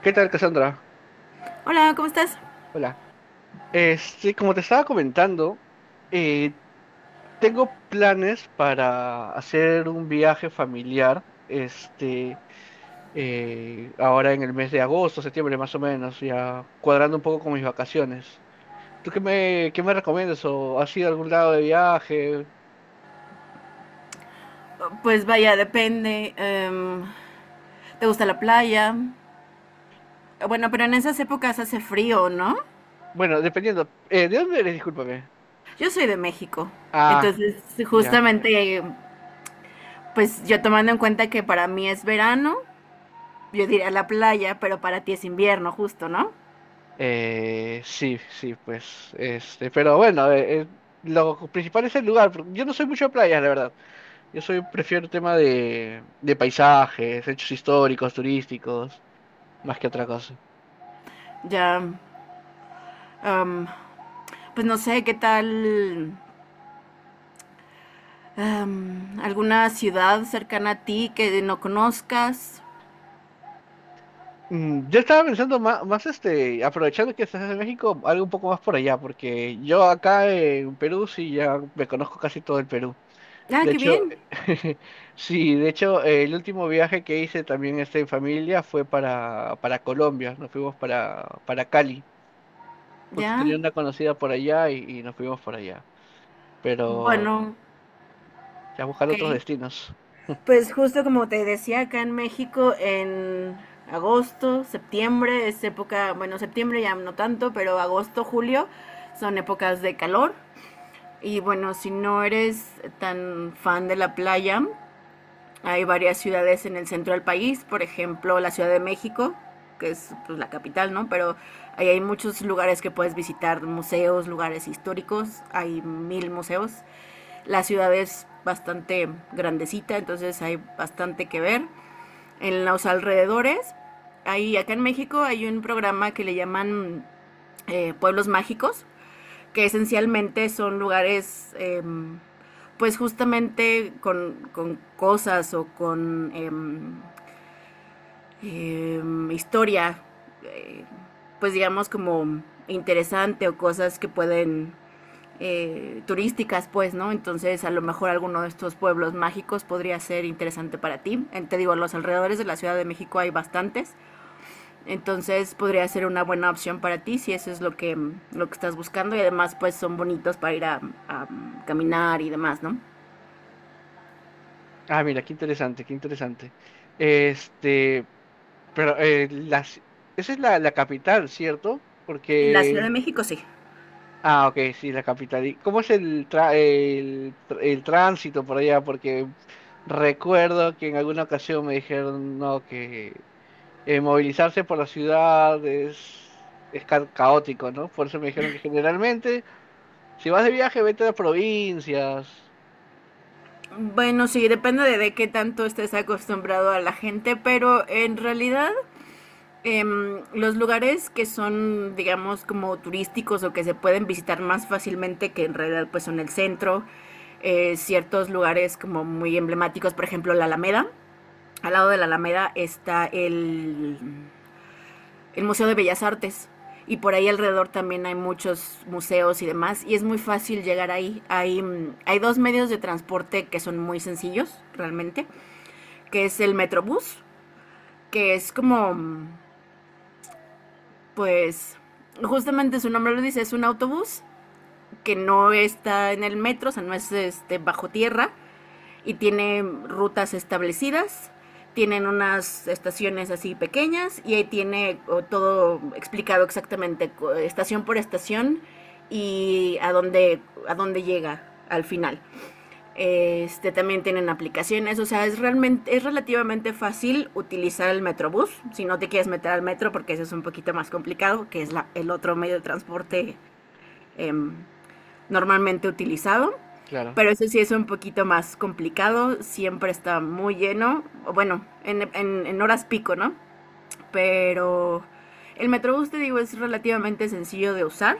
¿Qué tal, Cassandra? Hola, ¿cómo estás? Hola. Como te estaba comentando, eh, tengo planes para hacer un viaje familiar, ahora en el mes de agosto, septiembre más o menos, ya cuadrando un poco con mis vacaciones. ¿Tú qué me recomiendas? ¿O has ido a algún lado de viaje? Pues vaya, depende. ¿Te gusta la playa? Bueno, pero en esas épocas hace frío, ¿no? Bueno, dependiendo. ¿De dónde eres? Discúlpame. Yo soy de México. Ah, Entonces, ya. justamente, pues yo tomando en cuenta que para mí es verano, yo diría la playa, pero para ti es invierno, justo, ¿no? Sí, sí, pues, pero bueno, lo principal es el lugar, porque yo no soy mucho de playas, la verdad. Yo soy, prefiero el tema de, paisajes, hechos históricos, turísticos, más que otra cosa. Ya, em, pues no sé, ¿qué tal alguna ciudad cercana a ti que no conozcas? Mm, yo estaba pensando más, aprovechando que estás en México, algo un poco más por allá, porque yo acá en Perú sí ya me conozco casi todo el Perú. Ah, De qué hecho, bien. sí, de hecho, el último viaje que hice también en familia fue para Colombia. Nos fuimos para Cali. Justo Ya. tenía una conocida por allá y nos fuimos por allá, pero Bueno, ya buscar otros ok. destinos. Pues justo como te decía, acá en México en agosto, septiembre es época, bueno, septiembre ya no tanto, pero agosto, julio son épocas de calor. Y bueno, si no eres tan fan de la playa, hay varias ciudades en el centro del país, por ejemplo, la Ciudad de México, que es pues, la capital, ¿no? Pero ahí hay muchos lugares que puedes visitar, museos, lugares históricos, hay mil museos, la ciudad es bastante grandecita, entonces hay bastante que ver. En los alrededores, ahí acá en México hay un programa que le llaman Pueblos Mágicos, que esencialmente son lugares, pues justamente con cosas o con eh, eh, historia, eh, pues digamos como interesante o cosas que pueden turísticas, pues, ¿no? Entonces, a lo mejor alguno de estos pueblos mágicos podría ser interesante para ti. Te digo, los alrededores de la Ciudad de México hay bastantes, entonces podría ser una buena opción para ti si eso es lo que estás buscando y además, pues, son bonitos para ir a caminar y demás, ¿no? Ah, mira, qué interesante, qué interesante. Este, pero esa es la capital, ¿cierto? La Ciudad Porque. de México sí. Ah, ok, sí, la capital. ¿Y cómo es el, tra- el, tr- el tránsito por allá? Porque recuerdo que en alguna ocasión me dijeron, no, que movilizarse por la ciudad es caótico, ¿no? Por eso me dijeron que generalmente, si vas de viaje, vete a las provincias. Bueno, sí, depende de qué tanto estés acostumbrado a la gente, pero en realidad los lugares que son, digamos, como turísticos o que se pueden visitar más fácilmente que en realidad pues son el centro, ciertos lugares como muy emblemáticos, por ejemplo la Alameda. Al lado de la Alameda está el Museo de Bellas Artes y por ahí alrededor también hay muchos museos y demás y es muy fácil llegar ahí. Hay, hay dos medios de transporte que son muy sencillos realmente, que es el Metrobús, que es como pues justamente su nombre lo dice, es un autobús que no está en el metro, o sea, no es este, bajo tierra y tiene rutas establecidas, tienen unas estaciones así pequeñas y ahí tiene todo explicado exactamente, estación por estación y a dónde llega al final. Este, también tienen aplicaciones, o sea, es realmente, es relativamente fácil utilizar el Metrobús, si no te quieres meter al metro, porque eso es un poquito más complicado, que es la- el otro medio de transporte em, normalmente utilizado, Claro. pero eso sí es un poquito más complicado, siempre está muy lleno, o bueno, en horas pico, ¿no? Pero el Metrobús, te digo, es relativamente sencillo de usar.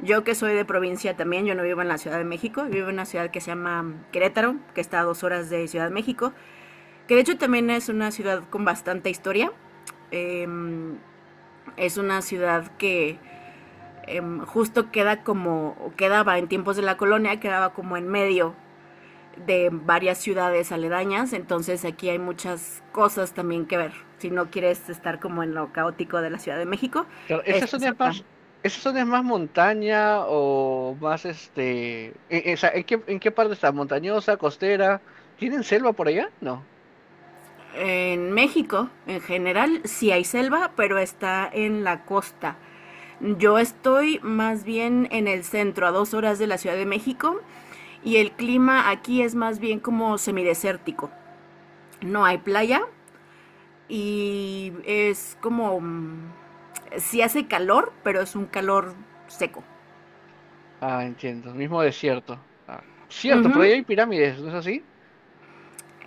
Yo que soy de provincia también, yo no vivo en la Ciudad de México, vivo en una ciudad que se llama Querétaro, que está a 2 horas de Ciudad de México, que de hecho también es una ciudad con bastante historia. Eh, es una ciudad que justo queda como, quedaba en tiempos de la colonia, quedaba como en medio de varias ciudades aledañas, entonces aquí hay muchas cosas también que ver. Si no quieres estar como en lo caótico de la Ciudad de México, Claro, ¿esa esta es zona es otra. más, esa zona es más montaña o más ¿En qué parte está? ¿Montañosa, costera? ¿Tienen selva por allá? No. En México, en general, sí hay selva, pero está en la costa. Yo estoy más bien en el centro, a 2 horas de la Ciudad de México, y el clima aquí es más bien como semidesértico. No hay playa y es como sí hace calor, pero es un calor seco. Ah, entiendo. Mismo desierto. Ah, cierto, pero ahí Ujú. hay pirámides, ¿no es así?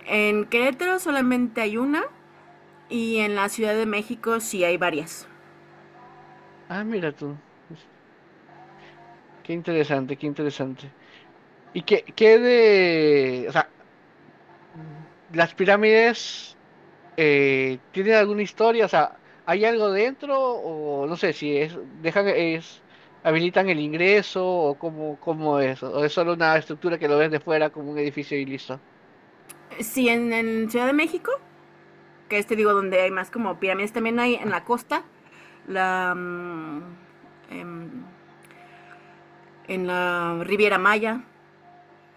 En Querétaro solamente hay una y en la Ciudad de México sí hay varias. Ah, mira tú. Pues, qué interesante, qué interesante. O sea, las pirámides, ¿tienen alguna historia? O sea, ¿hay algo dentro? O no sé si es... Dejan, es... ¿Habilitan el ingreso? ¿O cómo es? ¿O es solo una estructura que lo ves de fuera como un edificio y listo? Sí, en Ciudad de México, que es, te digo, donde hay más como pirámides, también hay en la costa, la, em, en la Riviera Maya,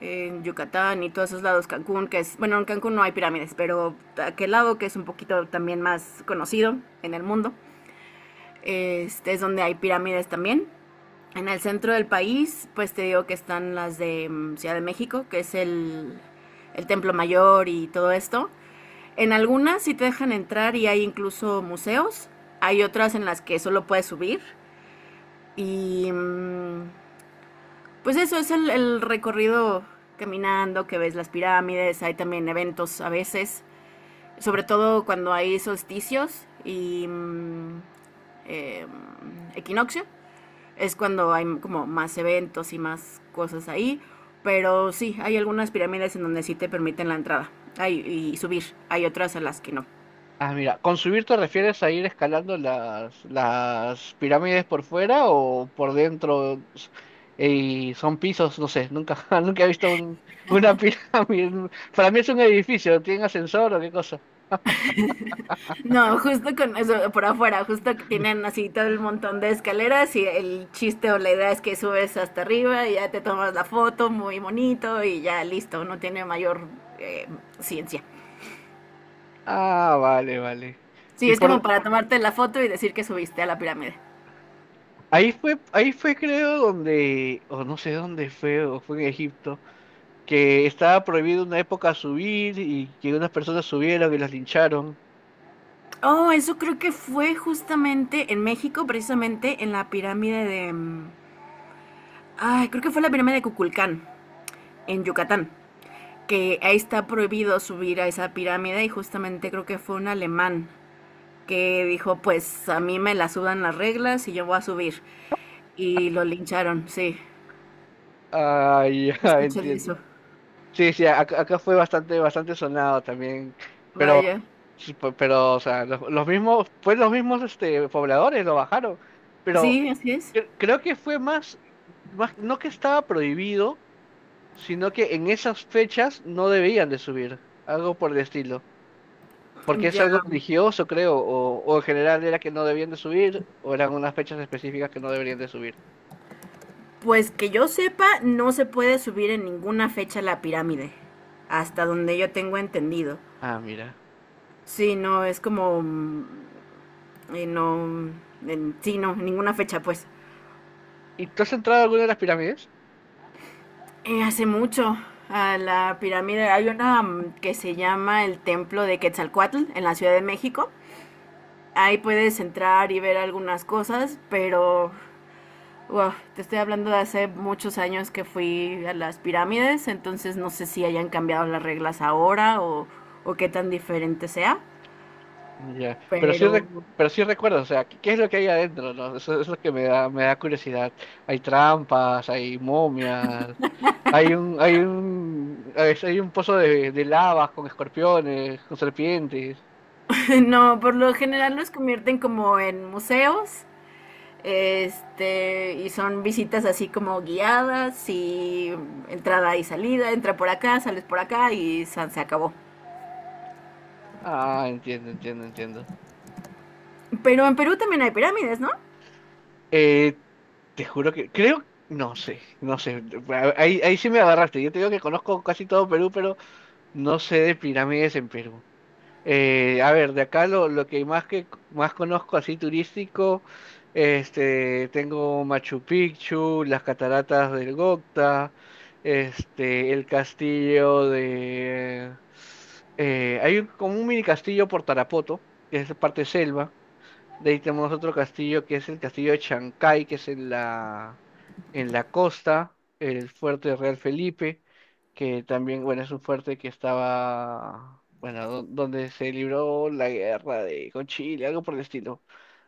en Yucatán y todos esos lados, Cancún, que es, bueno, en Cancún no hay pirámides, pero aquel lado que es un poquito también más conocido en el mundo, este es donde hay pirámides también. En el centro del país, pues te digo que están las de Ciudad de México, que es el Templo Mayor y todo esto. En algunas sí te dejan entrar y hay incluso museos. Hay otras en las que solo puedes subir. Y pues eso es el recorrido caminando, que ves las pirámides, hay también eventos a veces, sobre todo cuando hay solsticios y equinoccio es cuando hay como más eventos y más cosas ahí. Pero sí, hay algunas pirámides en donde sí te permiten la entrada hay, y subir. Hay otras a las que no. Ah, mira, ¿con subir te refieres a ir escalando las pirámides por fuera o por dentro? ¿Y son pisos? No sé, nunca, nunca he visto una pirámide. Para mí es un edificio, ¿tiene ascensor o qué cosa? No, justo con eso, por afuera, justo que tienen así todo el montón de escaleras y el chiste o la idea es que subes hasta arriba y ya te tomas la foto muy bonito y ya listo, no tiene mayor eh, ciencia. Ah, vale, vale. Sí, Y es como por para tomarte la foto y decir que subiste a la pirámide. ahí fue creo donde, o no sé dónde fue, o fue en Egipto, que estaba prohibido una época subir y que unas personas subieron y las lincharon. Oh, eso creo que fue justamente en México, precisamente en la pirámide de ay, creo que fue la pirámide de Cuculcán, en Yucatán, que ahí está prohibido subir a esa pirámide y justamente creo que fue un alemán que dijo, pues a mí me la sudan las reglas y yo voy a subir. Y lo lincharon, sí. Ah, ya Escuché de entiendo. eso. Sí, sí, acá fue bastante, bastante sonado también, pero, Vaya. sí, pero, o sea, los mismos, fue los mismos, pobladores lo bajaron, pero Sí, así es. Creo que fue más, no que estaba prohibido, sino que en esas fechas no debían de subir, algo por el estilo, porque es Ya. algo religioso, creo, o en general era que no debían de subir, o eran unas fechas específicas que no deberían de subir. Pues que yo sepa, no se puede subir en ninguna fecha a la pirámide. Hasta donde yo tengo entendido. Ah, mira. Sí, no, es como no, sí, no, ninguna fecha, pues. ¿Y tú has entrado a alguna de las pirámides? Hace mucho, a la pirámide, hay una que se llama el Templo de Quetzalcoatl en la Ciudad de México. Ahí puedes entrar y ver algunas cosas, pero wow, te estoy hablando de hace muchos años que fui a las pirámides, entonces no sé si hayan cambiado las reglas ahora o qué tan diferente sea. Ya. Pero sí, Pero pero sí recuerdo, o sea, ¿qué, es lo que hay adentro, ¿no? Eso es lo que me da curiosidad. Hay trampas, hay momias, a veces hay un pozo de, lavas con escorpiones, con serpientes. no, por lo general los convierten como en museos. Este, y son visitas así como guiadas y entrada y salida, entra por acá, sales por acá y san, se acabó. Ah, entiendo, entiendo, entiendo. Pero en Perú también hay pirámides, ¿no? Eh, Te juro que, creo, no sé, ahí sí me agarraste. Yo te digo que conozco casi todo Perú, pero no sé de pirámides en Perú. A ver, de acá lo que más conozco así turístico, tengo Machu Picchu, las cataratas del Gocta, el castillo de, hay como un mini castillo por Tarapoto, que es parte selva. De ahí tenemos otro castillo, que es el castillo de Chancay, que es en la costa, el fuerte Real Felipe, que también, bueno, es un fuerte que estaba, bueno, donde se libró la guerra de, con Chile, algo por el estilo.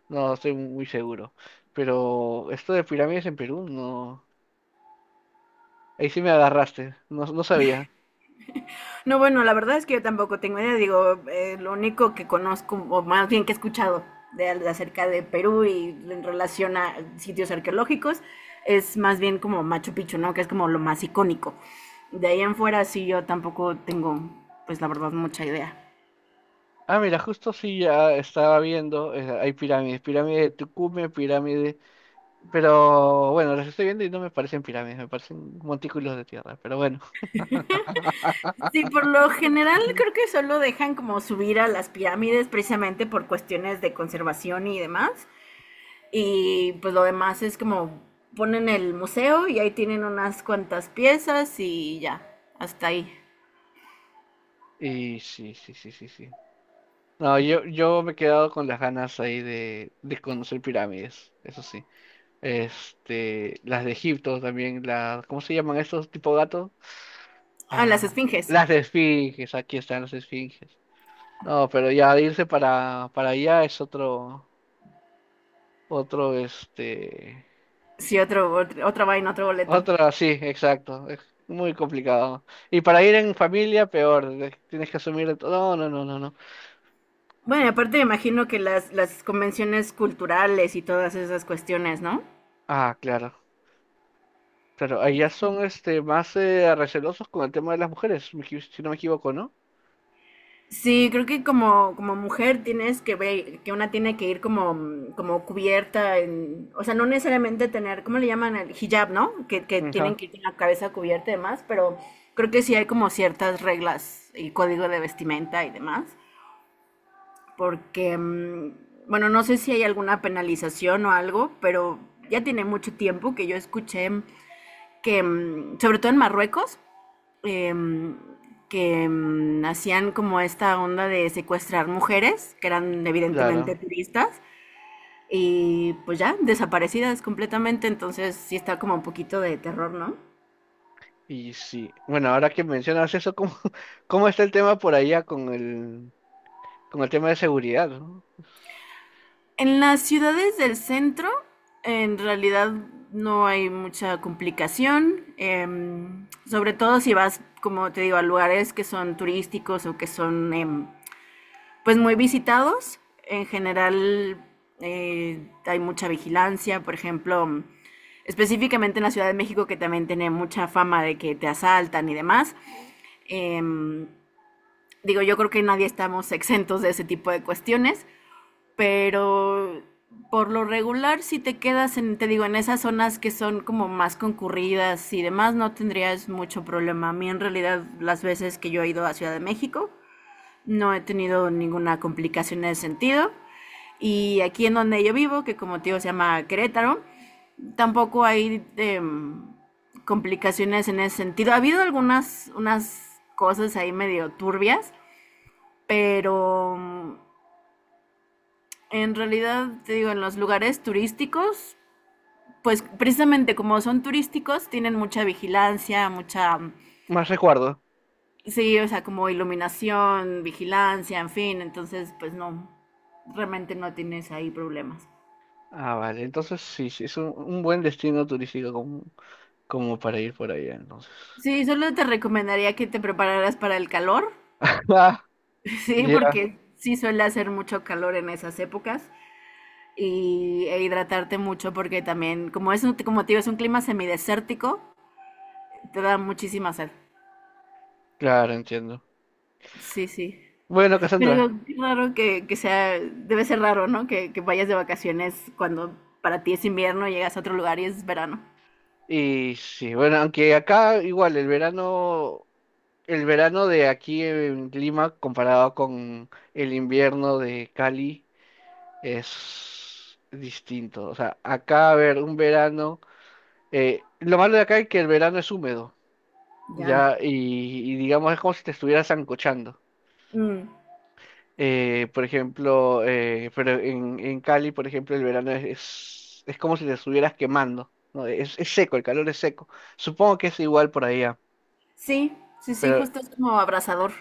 No estoy muy seguro. Pero esto de pirámides en Perú, no. Ahí sí me agarraste, no, no sabía. No, bueno, la verdad es que yo tampoco tengo idea, digo, lo único que conozco, o más bien que he escuchado de acerca de Perú y en relación a sitios arqueológicos, es más bien como Machu Picchu, ¿no? Que es como lo más icónico. De ahí en fuera sí yo tampoco tengo, pues la verdad, mucha idea. Ah, mira, justo sí ya estaba viendo, hay pirámides, pirámide de Tucumán, pirámide. Pero bueno, los estoy viendo y no me parecen pirámides, me parecen montículos de tierra, pero bueno. Sí, por lo general creo que solo dejan como subir a las pirámides precisamente por cuestiones de conservación y demás. Y pues lo demás es como ponen el museo y ahí tienen unas cuantas piezas y ya, hasta ahí. Y sí, sí, sí, sí, sí. No, yo, me he quedado con las ganas ahí de, conocer pirámides, eso sí. Las de Egipto también, ¿cómo se llaman estos tipo gatos? Ah, las Ah, esfinges. las de esfinges, aquí están las esfinges. No, pero ya irse para, allá es otro, otro, este, Sí, otro, otra vaina, otro boleto. otra, sí, exacto. Es muy complicado. Y para ir en familia, peor. Tienes que asumir de todo. No, no, no, no, no. Bueno, aparte me imagino que las convenciones culturales y todas esas cuestiones, ¿no? Ah, claro. Claro, allá son más recelosos con el tema de las mujeres, si no me equivoco, ¿no? Sí, creo que como, como mujer tienes que ver, que una tiene que ir como, como cubierta, en, o sea, no necesariamente tener, ¿cómo le llaman? El hijab, ¿no? Que tienen Ajá. que ir con la cabeza cubierta y demás, pero creo que sí hay como ciertas reglas y código de vestimenta y demás, porque, bueno, no sé si hay alguna penalización o algo, pero ya tiene mucho tiempo que yo escuché que, sobre todo en Marruecos, em, que hacían como esta onda de secuestrar mujeres, que eran evidentemente Claro. turistas, y pues ya, desaparecidas completamente, entonces sí está como un poquito de terror, ¿no? Y sí. Bueno, ahora que mencionas eso, ¿cómo, cómo está el tema por allá con el tema de seguridad, ¿no? En las ciudades del centro, en realidad no hay mucha complicación, sobre todo si vas, como te digo, a lugares que son turísticos o que son pues muy visitados. En general hay mucha vigilancia, por ejemplo, específicamente en la Ciudad de México que también tiene mucha fama de que te asaltan y demás. Eh, Digo, yo creo que nadie estamos exentos de ese tipo de cuestiones, pero por lo regular si te quedas en, te digo, en esas zonas que son como más concurridas y demás, no tendrías mucho problema. A mí en realidad las veces que yo he ido a Ciudad de México, no he tenido ninguna complicación en ese sentido. Y aquí en donde yo vivo, que como te digo se llama Querétaro, tampoco hay complicaciones en ese sentido. Ha habido algunas unas cosas ahí medio turbias, pero en realidad, te digo, en los lugares turísticos, pues precisamente como son turísticos, tienen mucha vigilancia, mucha, Más recuerdo. sí, o sea, como iluminación, vigilancia, en fin, entonces pues no, realmente no tienes ahí problemas. Ah, vale. Entonces sí, sí, es un buen destino turístico como, para ir por allá, entonces. Sí, solo te recomendaría que te prepararas para el calor, Ah, sí, ya. porque sí suele hacer mucho calor en esas épocas y e hidratarte mucho porque también, como es, como te digo, es un clima semidesértico, te da muchísima sed. Claro, entiendo. Sí, sí. Bueno, Cassandra. Pero qué raro que sea, debe ser raro, ¿no? Que vayas de vacaciones cuando para ti es invierno, llegas a otro lugar y es verano. Y sí, bueno, aunque acá igual el verano de aquí en Lima comparado con el invierno de Cali es distinto. O sea, acá, a ver, un verano, lo malo de acá es que el verano es húmedo, Ya. ya, y digamos es como si te estuvieras ancochando. Mm. Por ejemplo, pero en, Cali, por ejemplo, el verano es como si te estuvieras quemando, ¿no? Es seco, el calor es seco. Supongo que es igual por allá, Sí, sí, sí, pero justo es como abrasador.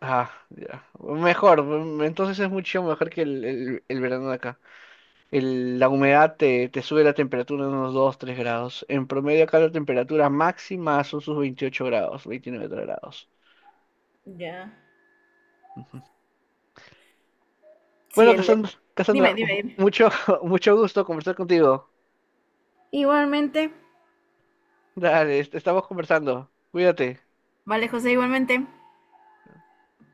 ah, ya. Mejor, mm, entonces es mucho mejor que el verano de acá. La humedad te, sube la temperatura en unos 2 3 grados. En promedio acá la temperatura máxima son sus 28 grados, 29 grados. Ya. Ujú. Sí, Bueno, el... Cassandra, Dime, Cassandra, dime, dime. mucho, mucho gusto conversar contigo. Igualmente. Dale, estamos conversando. Cuídate. Vale, José, igualmente.